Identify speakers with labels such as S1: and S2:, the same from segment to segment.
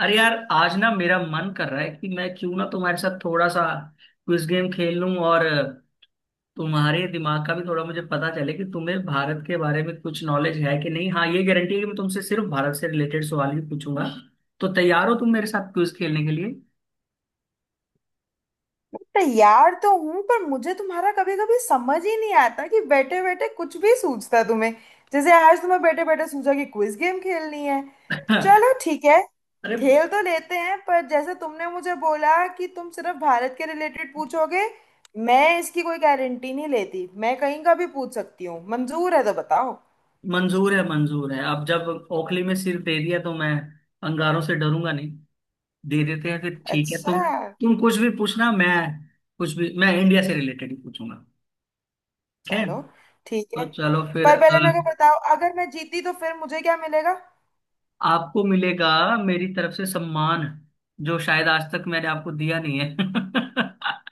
S1: अरे यार आज ना मेरा मन कर रहा है कि मैं क्यों ना तुम्हारे साथ थोड़ा सा क्विज गेम खेल लूं। और तुम्हारे दिमाग का भी थोड़ा मुझे पता चले कि तुम्हें भारत के बारे में कुछ नॉलेज है कि नहीं। हाँ, ये गारंटी है कि मैं तुमसे सिर्फ भारत से रिलेटेड सवाल ही पूछूंगा। तो तैयार हो तुम मेरे साथ क्विज खेलने के लिए?
S2: तैयार तो हूं। पर मुझे तुम्हारा कभी कभी समझ ही नहीं आता कि बैठे बैठे कुछ भी सूझता है तुम्हें। जैसे आज तुम्हें बैठे बैठे सूझा कि क्विज गेम खेलनी है। चलो ठीक है,
S1: अरे।
S2: खेल तो लेते हैं। पर जैसे तुमने मुझे बोला कि तुम सिर्फ भारत के रिलेटेड पूछोगे, मैं इसकी कोई गारंटी नहीं लेती। मैं कहीं का भी पूछ सकती हूँ, मंजूर है तो बताओ।
S1: मंजूर है, मंजूर है। अब जब ओखली में सिर दे दिया तो मैं अंगारों से डरूंगा नहीं। दे देते हैं फिर। ठीक है।
S2: अच्छा,
S1: तुम कुछ भी पूछना। मैं कुछ भी मैं इंडिया से रिलेटेड ही पूछूंगा। ठीक है।
S2: चलो ठीक
S1: तो
S2: है।
S1: चलो फिर
S2: पर पहले मेरे को बताओ, अगर मैं जीती तो फिर मुझे क्या मिलेगा?
S1: आपको मिलेगा मेरी तरफ से सम्मान, जो शायद आज तक मैंने आपको दिया नहीं है।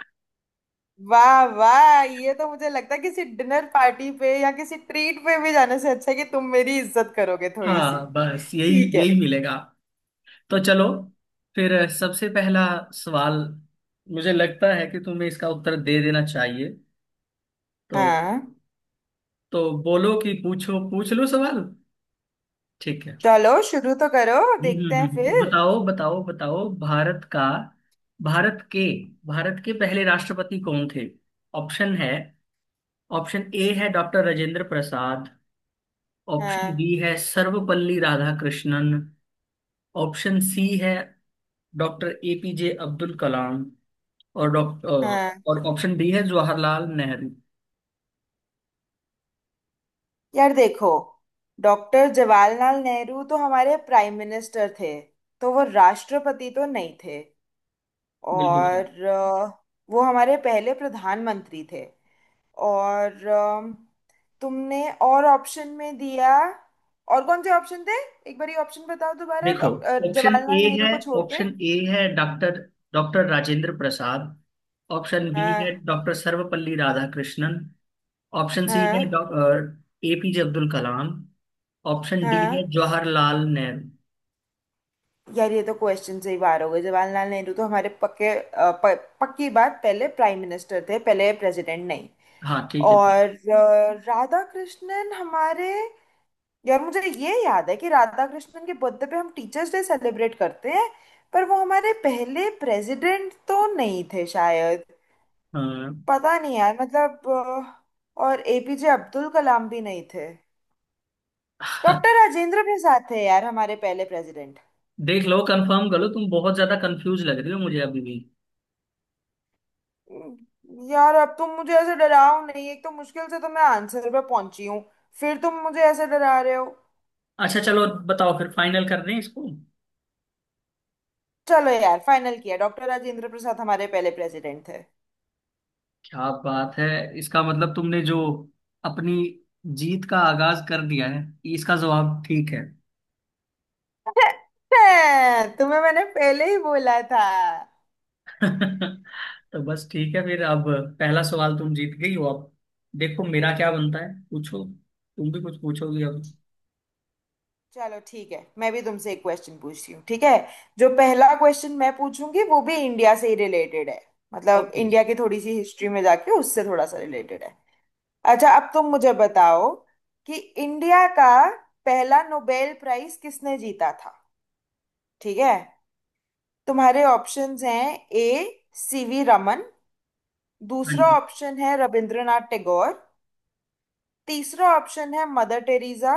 S2: वाह वाह, ये तो मुझे लगता है किसी डिनर पार्टी पे या किसी ट्रीट पे भी जाने से अच्छा है कि तुम मेरी इज्जत करोगे थोड़ी सी।
S1: हाँ, बस यही
S2: ठीक है।
S1: यही मिलेगा। तो चलो फिर, सबसे पहला सवाल मुझे लगता है कि तुम्हें इसका उत्तर दे देना चाहिए। तो
S2: हाँ,
S1: तो बोलो कि पूछ लो सवाल। ठीक है।
S2: चलो शुरू तो करो, देखते हैं फिर।
S1: बताओ बताओ बताओ, भारत के भारत के पहले राष्ट्रपति कौन थे? ऑप्शन है। ऑप्शन ए है डॉक्टर राजेंद्र प्रसाद। ऑप्शन
S2: हाँ।
S1: बी है सर्वपल्ली राधाकृष्णन। ऑप्शन सी है डॉक्टर एपीजे अब्दुल कलाम। और डॉक्टर
S2: हाँ,
S1: और ऑप्शन डी है जवाहरलाल नेहरू।
S2: यार देखो, डॉक्टर जवाहरलाल नेहरू तो हमारे प्राइम मिनिस्टर थे, तो वो राष्ट्रपति तो नहीं थे।
S1: बिल्कुल सही।
S2: और अ, वो हमारे पहले प्रधानमंत्री थे। और अम, तुमने और ऑप्शन में दिया, और कौन से ऑप्शन थे? एक बार ये ऑप्शन बताओ दोबारा,
S1: देखो, ऑप्शन ए
S2: जवाहरलाल नेहरू
S1: है
S2: को छोड़ के।
S1: ऑप्शन ए है doctor doctor Rajendra Prasad. Option B है
S2: हाँ।
S1: Doctor Sarvepalli Radhakrishnan. Option C है
S2: हाँ।
S1: Doctor A P J Abdul Kalam. Option D है
S2: हाँ,
S1: जवाहरलाल नेहरू।
S2: यार ये तो क्वेश्चन से ही बाहर हो गए। जवाहरलाल नेहरू तो हमारे पक्की बात पहले प्राइम मिनिस्टर थे, पहले प्रेसिडेंट नहीं।
S1: हाँ, ठीक है।
S2: राधा कृष्णन हमारे, यार मुझे ये याद है कि राधा कृष्णन के बर्थडे पे हम टीचर्स डे सेलिब्रेट करते हैं। पर वो हमारे पहले प्रेसिडेंट तो नहीं थे शायद।
S1: हाँ।
S2: पता नहीं यार, मतलब और एपीजे अब्दुल कलाम भी नहीं थे। डॉक्टर राजेंद्र प्रसाद थे यार हमारे पहले प्रेसिडेंट।
S1: देख लो, कंफर्म कर लो, तुम बहुत ज्यादा कंफ्यूज लग रही हो मुझे अभी भी।
S2: यार अब तुम मुझे ऐसे डराओ नहीं, एक तो मुश्किल से तो मैं आंसर पे पहुंची हूँ, फिर तुम मुझे ऐसे डरा रहे हो।
S1: अच्छा, चलो बताओ फिर, फाइनल कर दें इसको।
S2: चलो यार, फाइनल किया, डॉक्टर राजेंद्र प्रसाद हमारे पहले प्रेसिडेंट थे।
S1: क्या बात है। इसका मतलब तुमने जो अपनी जीत का आगाज कर दिया है। इसका जवाब ठीक है।
S2: तुम्हें मैंने पहले ही बोला था।
S1: तो बस, ठीक है फिर। अब पहला सवाल तुम जीत गई हो। अब देखो मेरा क्या बनता है। पूछो, तुम भी कुछ पूछोगी अब।
S2: चलो ठीक है, मैं भी तुमसे एक क्वेश्चन पूछती हूँ। ठीक है, जो पहला क्वेश्चन मैं पूछूंगी वो भी इंडिया से ही रिलेटेड है। मतलब
S1: ओके जी।
S2: इंडिया की थोड़ी सी हिस्ट्री में जाके उससे थोड़ा सा रिलेटेड है। अच्छा, अब तुम मुझे बताओ कि इंडिया का पहला नोबेल प्राइज किसने जीता था? ठीक है, तुम्हारे ऑप्शंस हैं। ए, सीवी रमन।
S1: हाँ
S2: दूसरा
S1: जी।
S2: ऑप्शन है रविंद्रनाथ टैगोर। तीसरा ऑप्शन है मदर टेरेसा।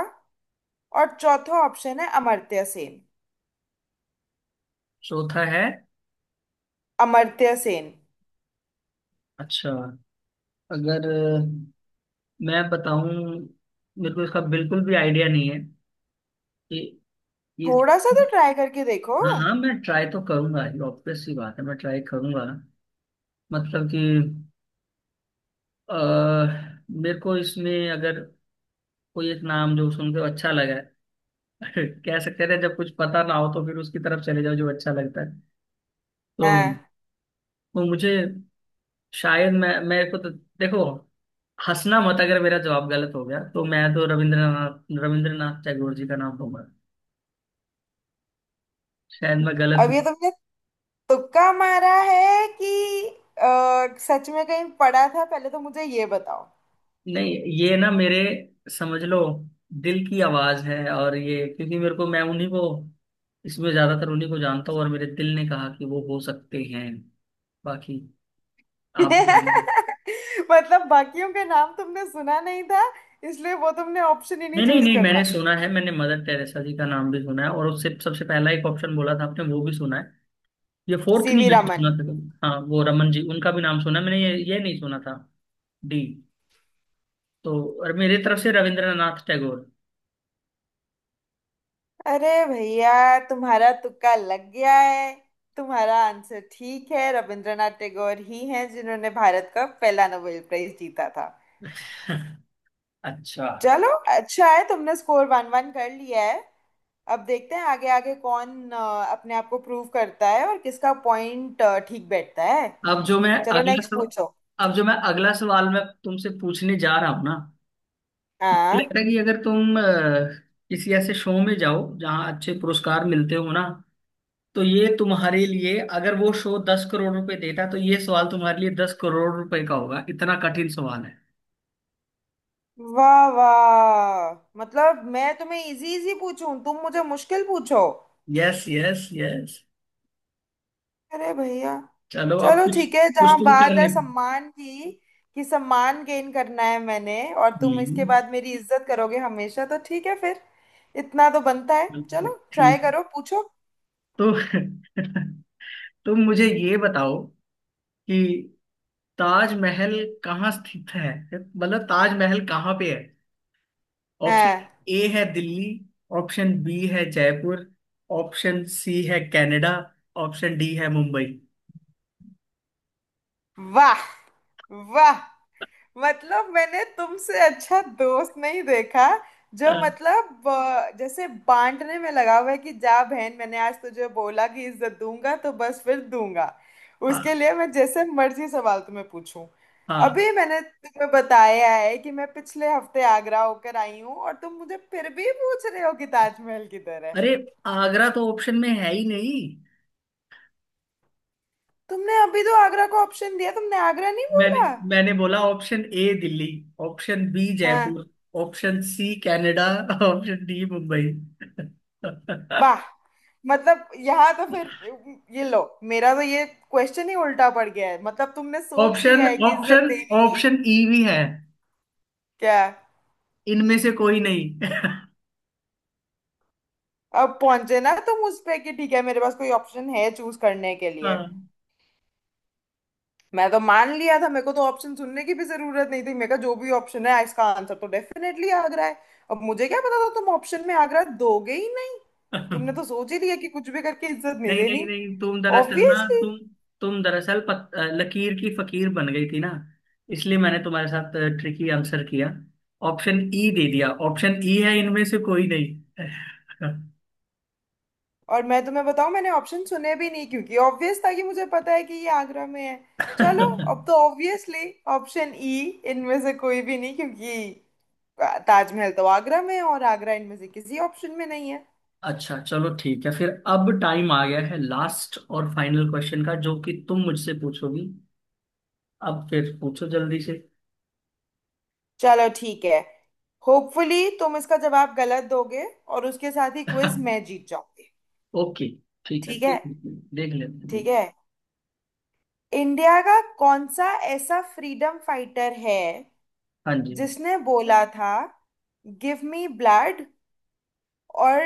S2: और चौथा ऑप्शन है अमर्त्य सेन।
S1: चौथा है।
S2: अमर्त्य सेन।
S1: अच्छा, अगर मैं बताऊं, मेरे को इसका बिल्कुल भी आइडिया नहीं है कि ये।
S2: थोड़ा सा तो ट्राई करके देखो।
S1: हाँ हाँ, मैं ट्राई तो करूंगा, ये ऑब्वियस सी बात है, मैं ट्राई करूंगा। मतलब कि अह, मेरे को इसमें अगर कोई एक नाम जो सुन के अच्छा लगा है। कह सकते हैं, जब कुछ पता ना हो तो फिर उसकी तरफ चले जाओ जो अच्छा लगता है। तो
S2: हाँ।
S1: तो मुझे, शायद मैं, मेरे को तो देखो, हंसना मत अगर मेरा जवाब गलत हो गया तो मैं तो रविंद्रनाथ रविंद्रनाथ टैगोर जी का नाम दूंगा। शायद मैं गलत।
S2: अब ये तुमने तुक्का मारा है कि सच में कहीं पढ़ा था पहले, तो मुझे ये बताओ।
S1: नहीं, ये ना मेरे, समझ लो, दिल की आवाज है। और ये क्योंकि मेरे को, मैं उन्हीं को इसमें, ज्यादातर उन्हीं को जानता हूँ, और मेरे दिल ने कहा कि वो हो सकते हैं। बाकी आप बताइए।
S2: मतलब बाकियों के नाम तुमने सुना नहीं था, इसलिए वो तुमने ऑप्शन ही नहीं
S1: नहीं नहीं
S2: चूज
S1: नहीं, मैंने
S2: करना।
S1: सुना है, मैंने मदर टेरेसा जी का नाम भी सुना है। और उससे सबसे पहला एक ऑप्शन बोला था आपने, वो भी सुना है। ये फोर्थ नहीं
S2: सीवी
S1: मैंने
S2: रमन
S1: सुना था। हाँ, वो रमन जी, उनका भी नाम सुना है, मैंने ये नहीं सुना था। डी तो। और मेरी तरफ से रविंद्रनाथ टैगोर।
S2: अरे भैया, तुम्हारा तुक्का लग गया है, तुम्हारा आंसर ठीक है। रविंद्रनाथ टैगोर ही हैं जिन्होंने भारत का पहला नोबेल प्राइज जीता था।
S1: अच्छा।
S2: चलो, अच्छा है, तुमने स्कोर वन वन कर लिया है। अब देखते हैं आगे आगे कौन अपने आप को प्रूव करता है और किसका पॉइंट ठीक बैठता है।
S1: अब जो मैं
S2: चलो
S1: अगला
S2: नेक्स्ट
S1: सवाल
S2: पूछो।
S1: अब जो मैं अगला सवाल मैं तुमसे पूछने जा रहा हूँ ना, मुझे लगता
S2: हाँ।
S1: है कि अगर तुम किसी ऐसे शो में जाओ जहाँ अच्छे पुरस्कार मिलते हो ना, तो ये तुम्हारे लिए, अगर वो शो 10 करोड़ रुपए देता तो ये सवाल तुम्हारे लिए 10 करोड़ रुपए का होगा, इतना कठिन सवाल है।
S2: वाह वाह, मतलब मैं तुम्हें इजी इजी पूछूं, तुम मुझे मुश्किल पूछो।
S1: Yes yes yes.
S2: अरे भैया,
S1: चलो, अब
S2: चलो
S1: कुछ
S2: ठीक है,
S1: कुछ
S2: जहां
S1: तुम कर
S2: बात है
S1: ले।
S2: सम्मान की, कि सम्मान गेन करना है मैंने, और तुम इसके
S1: हम्म,
S2: बाद मेरी इज्जत करोगे हमेशा, तो ठीक है फिर, इतना तो बनता है। चलो ट्राई
S1: ठीक।
S2: करो, पूछो।
S1: तो तुम मुझे ये बताओ कि ताजमहल कहाँ स्थित है, मतलब ताजमहल कहाँ पे है? ऑप्शन
S2: हाँ।
S1: ए है दिल्ली। ऑप्शन बी है जयपुर। ऑप्शन सी है कनाडा। ऑप्शन डी है मुंबई।
S2: वाह वाह, मतलब मैंने तुमसे अच्छा दोस्त नहीं देखा,
S1: अ,
S2: जो मतलब जैसे बांटने में लगा हुआ है कि जा बहन, मैंने आज तुझे बोला कि इज्जत दूंगा तो बस फिर दूंगा,
S1: हाँ
S2: उसके लिए मैं जैसे मर्जी सवाल तुम्हें पूछूं।
S1: हाँ।
S2: अभी मैंने तुम्हें बताया है कि मैं पिछले हफ्ते आगरा होकर आई हूँ, और तुम मुझे फिर भी पूछ रहे हो कि ताजमहल किधर है।
S1: अरे, आगरा तो ऑप्शन में है ही नहीं।
S2: तुमने अभी तो आगरा को ऑप्शन दिया, तुमने आगरा नहीं
S1: मैंने
S2: बोला?
S1: मैंने बोला option A Delhi, option B
S2: हाँ।
S1: Jaipur, option C Canada, option D Mumbai.
S2: वाह, मतलब यहाँ तो फिर ये लो, मेरा तो ये क्वेश्चन ही उल्टा पड़ गया है। मतलब तुमने सोच
S1: ऑप्शन
S2: लिया है कि इज्जत
S1: ऑप्शन
S2: देनी नहीं है।
S1: ऑप्शन ई भी है,
S2: क्या?
S1: इनमें से कोई नहीं।
S2: अब पहुंचे ना तुम उस पे कि ठीक है मेरे पास कोई ऑप्शन है चूज करने के लिए।
S1: हाँ।
S2: मैं तो मान लिया था, मेरे को तो ऑप्शन सुनने की भी जरूरत नहीं थी। मेरे का जो भी ऑप्शन है, इसका आंसर तो डेफिनेटली आगरा है। अब मुझे क्या पता था तुम ऑप्शन में आगरा दोगे ही नहीं। तुमने तो सोच ही लिया कि कुछ भी करके इज्जत नहीं
S1: नहीं नहीं
S2: देनी।
S1: नहीं, तुम दरअसल ना,
S2: ऑब्वियसली।
S1: तुम तुम दरअसल लकीर की फकीर बन गई थी ना, इसलिए मैंने तुम्हारे साथ ट्रिकी आंसर किया, ऑप्शन ई दे दिया। ऑप्शन ई है इनमें से कोई नहीं।
S2: और मैं तुम्हें बताऊं, मैंने ऑप्शन सुने भी नहीं, क्योंकि ऑब्वियस था कि मुझे पता है कि ये आगरा में है। चलो, अब तो ऑब्वियसली ऑप्शन ई, इनमें से कोई भी नहीं, क्योंकि ताजमहल तो आगरा में है और आगरा इनमें से किसी ऑप्शन में नहीं है।
S1: अच्छा, चलो ठीक है फिर, अब टाइम आ गया है लास्ट और फाइनल क्वेश्चन का, जो कि तुम मुझसे पूछोगी। अब फिर पूछो जल्दी से।
S2: चलो ठीक है, होपफुली तुम इसका जवाब गलत दोगे और उसके साथ ही क्विज मैं जीत जाऊंगी।
S1: ओके, ठीक है,
S2: ठीक है।
S1: देख देख लेते हैं।
S2: ठीक है, इंडिया का कौन सा ऐसा फ्रीडम फाइटर है
S1: हाँ जी।
S2: जिसने बोला था, गिव मी ब्लड और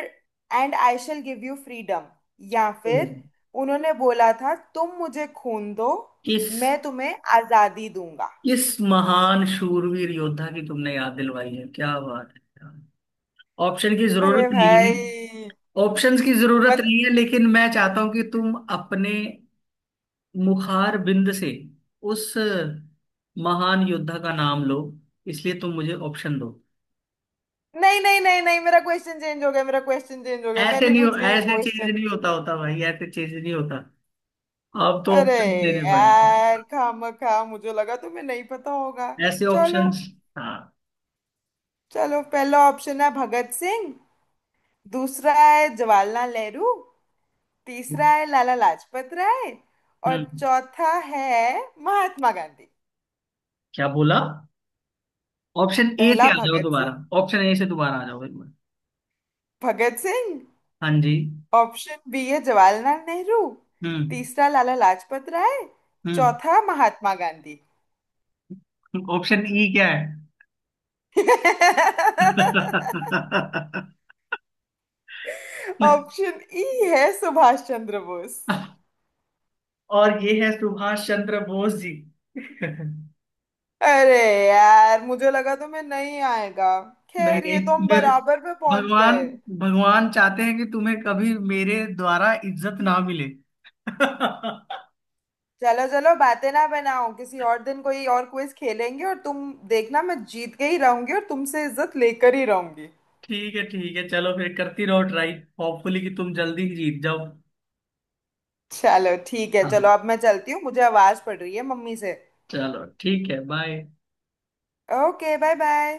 S2: and I shall give you freedom, या फिर उन्होंने बोला था, तुम मुझे खून दो
S1: किस
S2: मैं तुम्हें आजादी दूंगा?
S1: किस महान शूरवीर योद्धा की तुमने याद दिलवाई है, क्या बात है। ऑप्शन की
S2: अरे
S1: जरूरत नहीं है।
S2: भाई,
S1: ऑप्शंस की जरूरत
S2: मत।
S1: नहीं है, लेकिन मैं चाहता हूं कि तुम अपने मुखार बिंद से उस महान योद्धा का नाम लो। इसलिए तुम मुझे ऑप्शन दो।
S2: नहीं नहीं नहीं नहीं, मेरा क्वेश्चन चेंज हो गया, मेरा क्वेश्चन चेंज हो गया, मैं
S1: ऐसे
S2: नहीं
S1: नहीं हो,
S2: पूछ रही
S1: ऐसे चीज
S2: क्वेश्चन।
S1: नहीं होता होता भाई, ऐसे चीज नहीं होता। अब तो
S2: अरे
S1: ऑप्शन देने पड़ेंगे।
S2: यार, खामखा मुझे लगा तुम्हें नहीं पता होगा।
S1: ऐसे
S2: चलो,
S1: ऑप्शंस। हाँ।
S2: चलो पहला ऑप्शन है भगत सिंह। दूसरा है जवाहरलाल नेहरू। तीसरा है लाला लाजपत राय। और
S1: हम्म।
S2: चौथा है महात्मा गांधी।
S1: क्या बोला? ऑप्शन ए से
S2: पहला
S1: आ जाओ
S2: भगत सिंह।
S1: दोबारा। ऑप्शन ए से दोबारा आ जाओ एक बार।
S2: भगत सिंह।
S1: हाँ जी।
S2: ऑप्शन बी है जवाहरलाल नेहरू।
S1: हम्म।
S2: तीसरा लाला लाजपत राय।
S1: हम्म।
S2: चौथा महात्मा गांधी।
S1: ऑप्शन ई क्या है?
S2: ऑप्शन ई है सुभाष चंद्र बोस।
S1: और ये है सुभाष चंद्र बोस जी। नहीं।
S2: अरे यार, मुझे लगा तुम्हें नहीं आएगा। खैर,
S1: नहीं,
S2: ये तो हम
S1: मेरे
S2: बराबर पे पहुंच
S1: भगवान,
S2: गए।
S1: भगवान चाहते हैं कि तुम्हें कभी मेरे द्वारा इज्जत ना मिले।
S2: चलो चलो बातें ना बनाओ, किसी और दिन कोई और क्विज खेलेंगे और तुम देखना मैं जीत के ही रहूंगी और तुमसे इज्जत लेकर ही रहूंगी।
S1: ठीक है, ठीक है, चलो फिर करती रहो ट्राई, होपफुली कि तुम जल्दी ही जीत जाओ।
S2: चलो ठीक है, चलो
S1: हाँ।
S2: अब मैं चलती हूँ, मुझे आवाज पड़ रही है मम्मी से।
S1: चलो ठीक है, बाय।
S2: Okay, bye bye.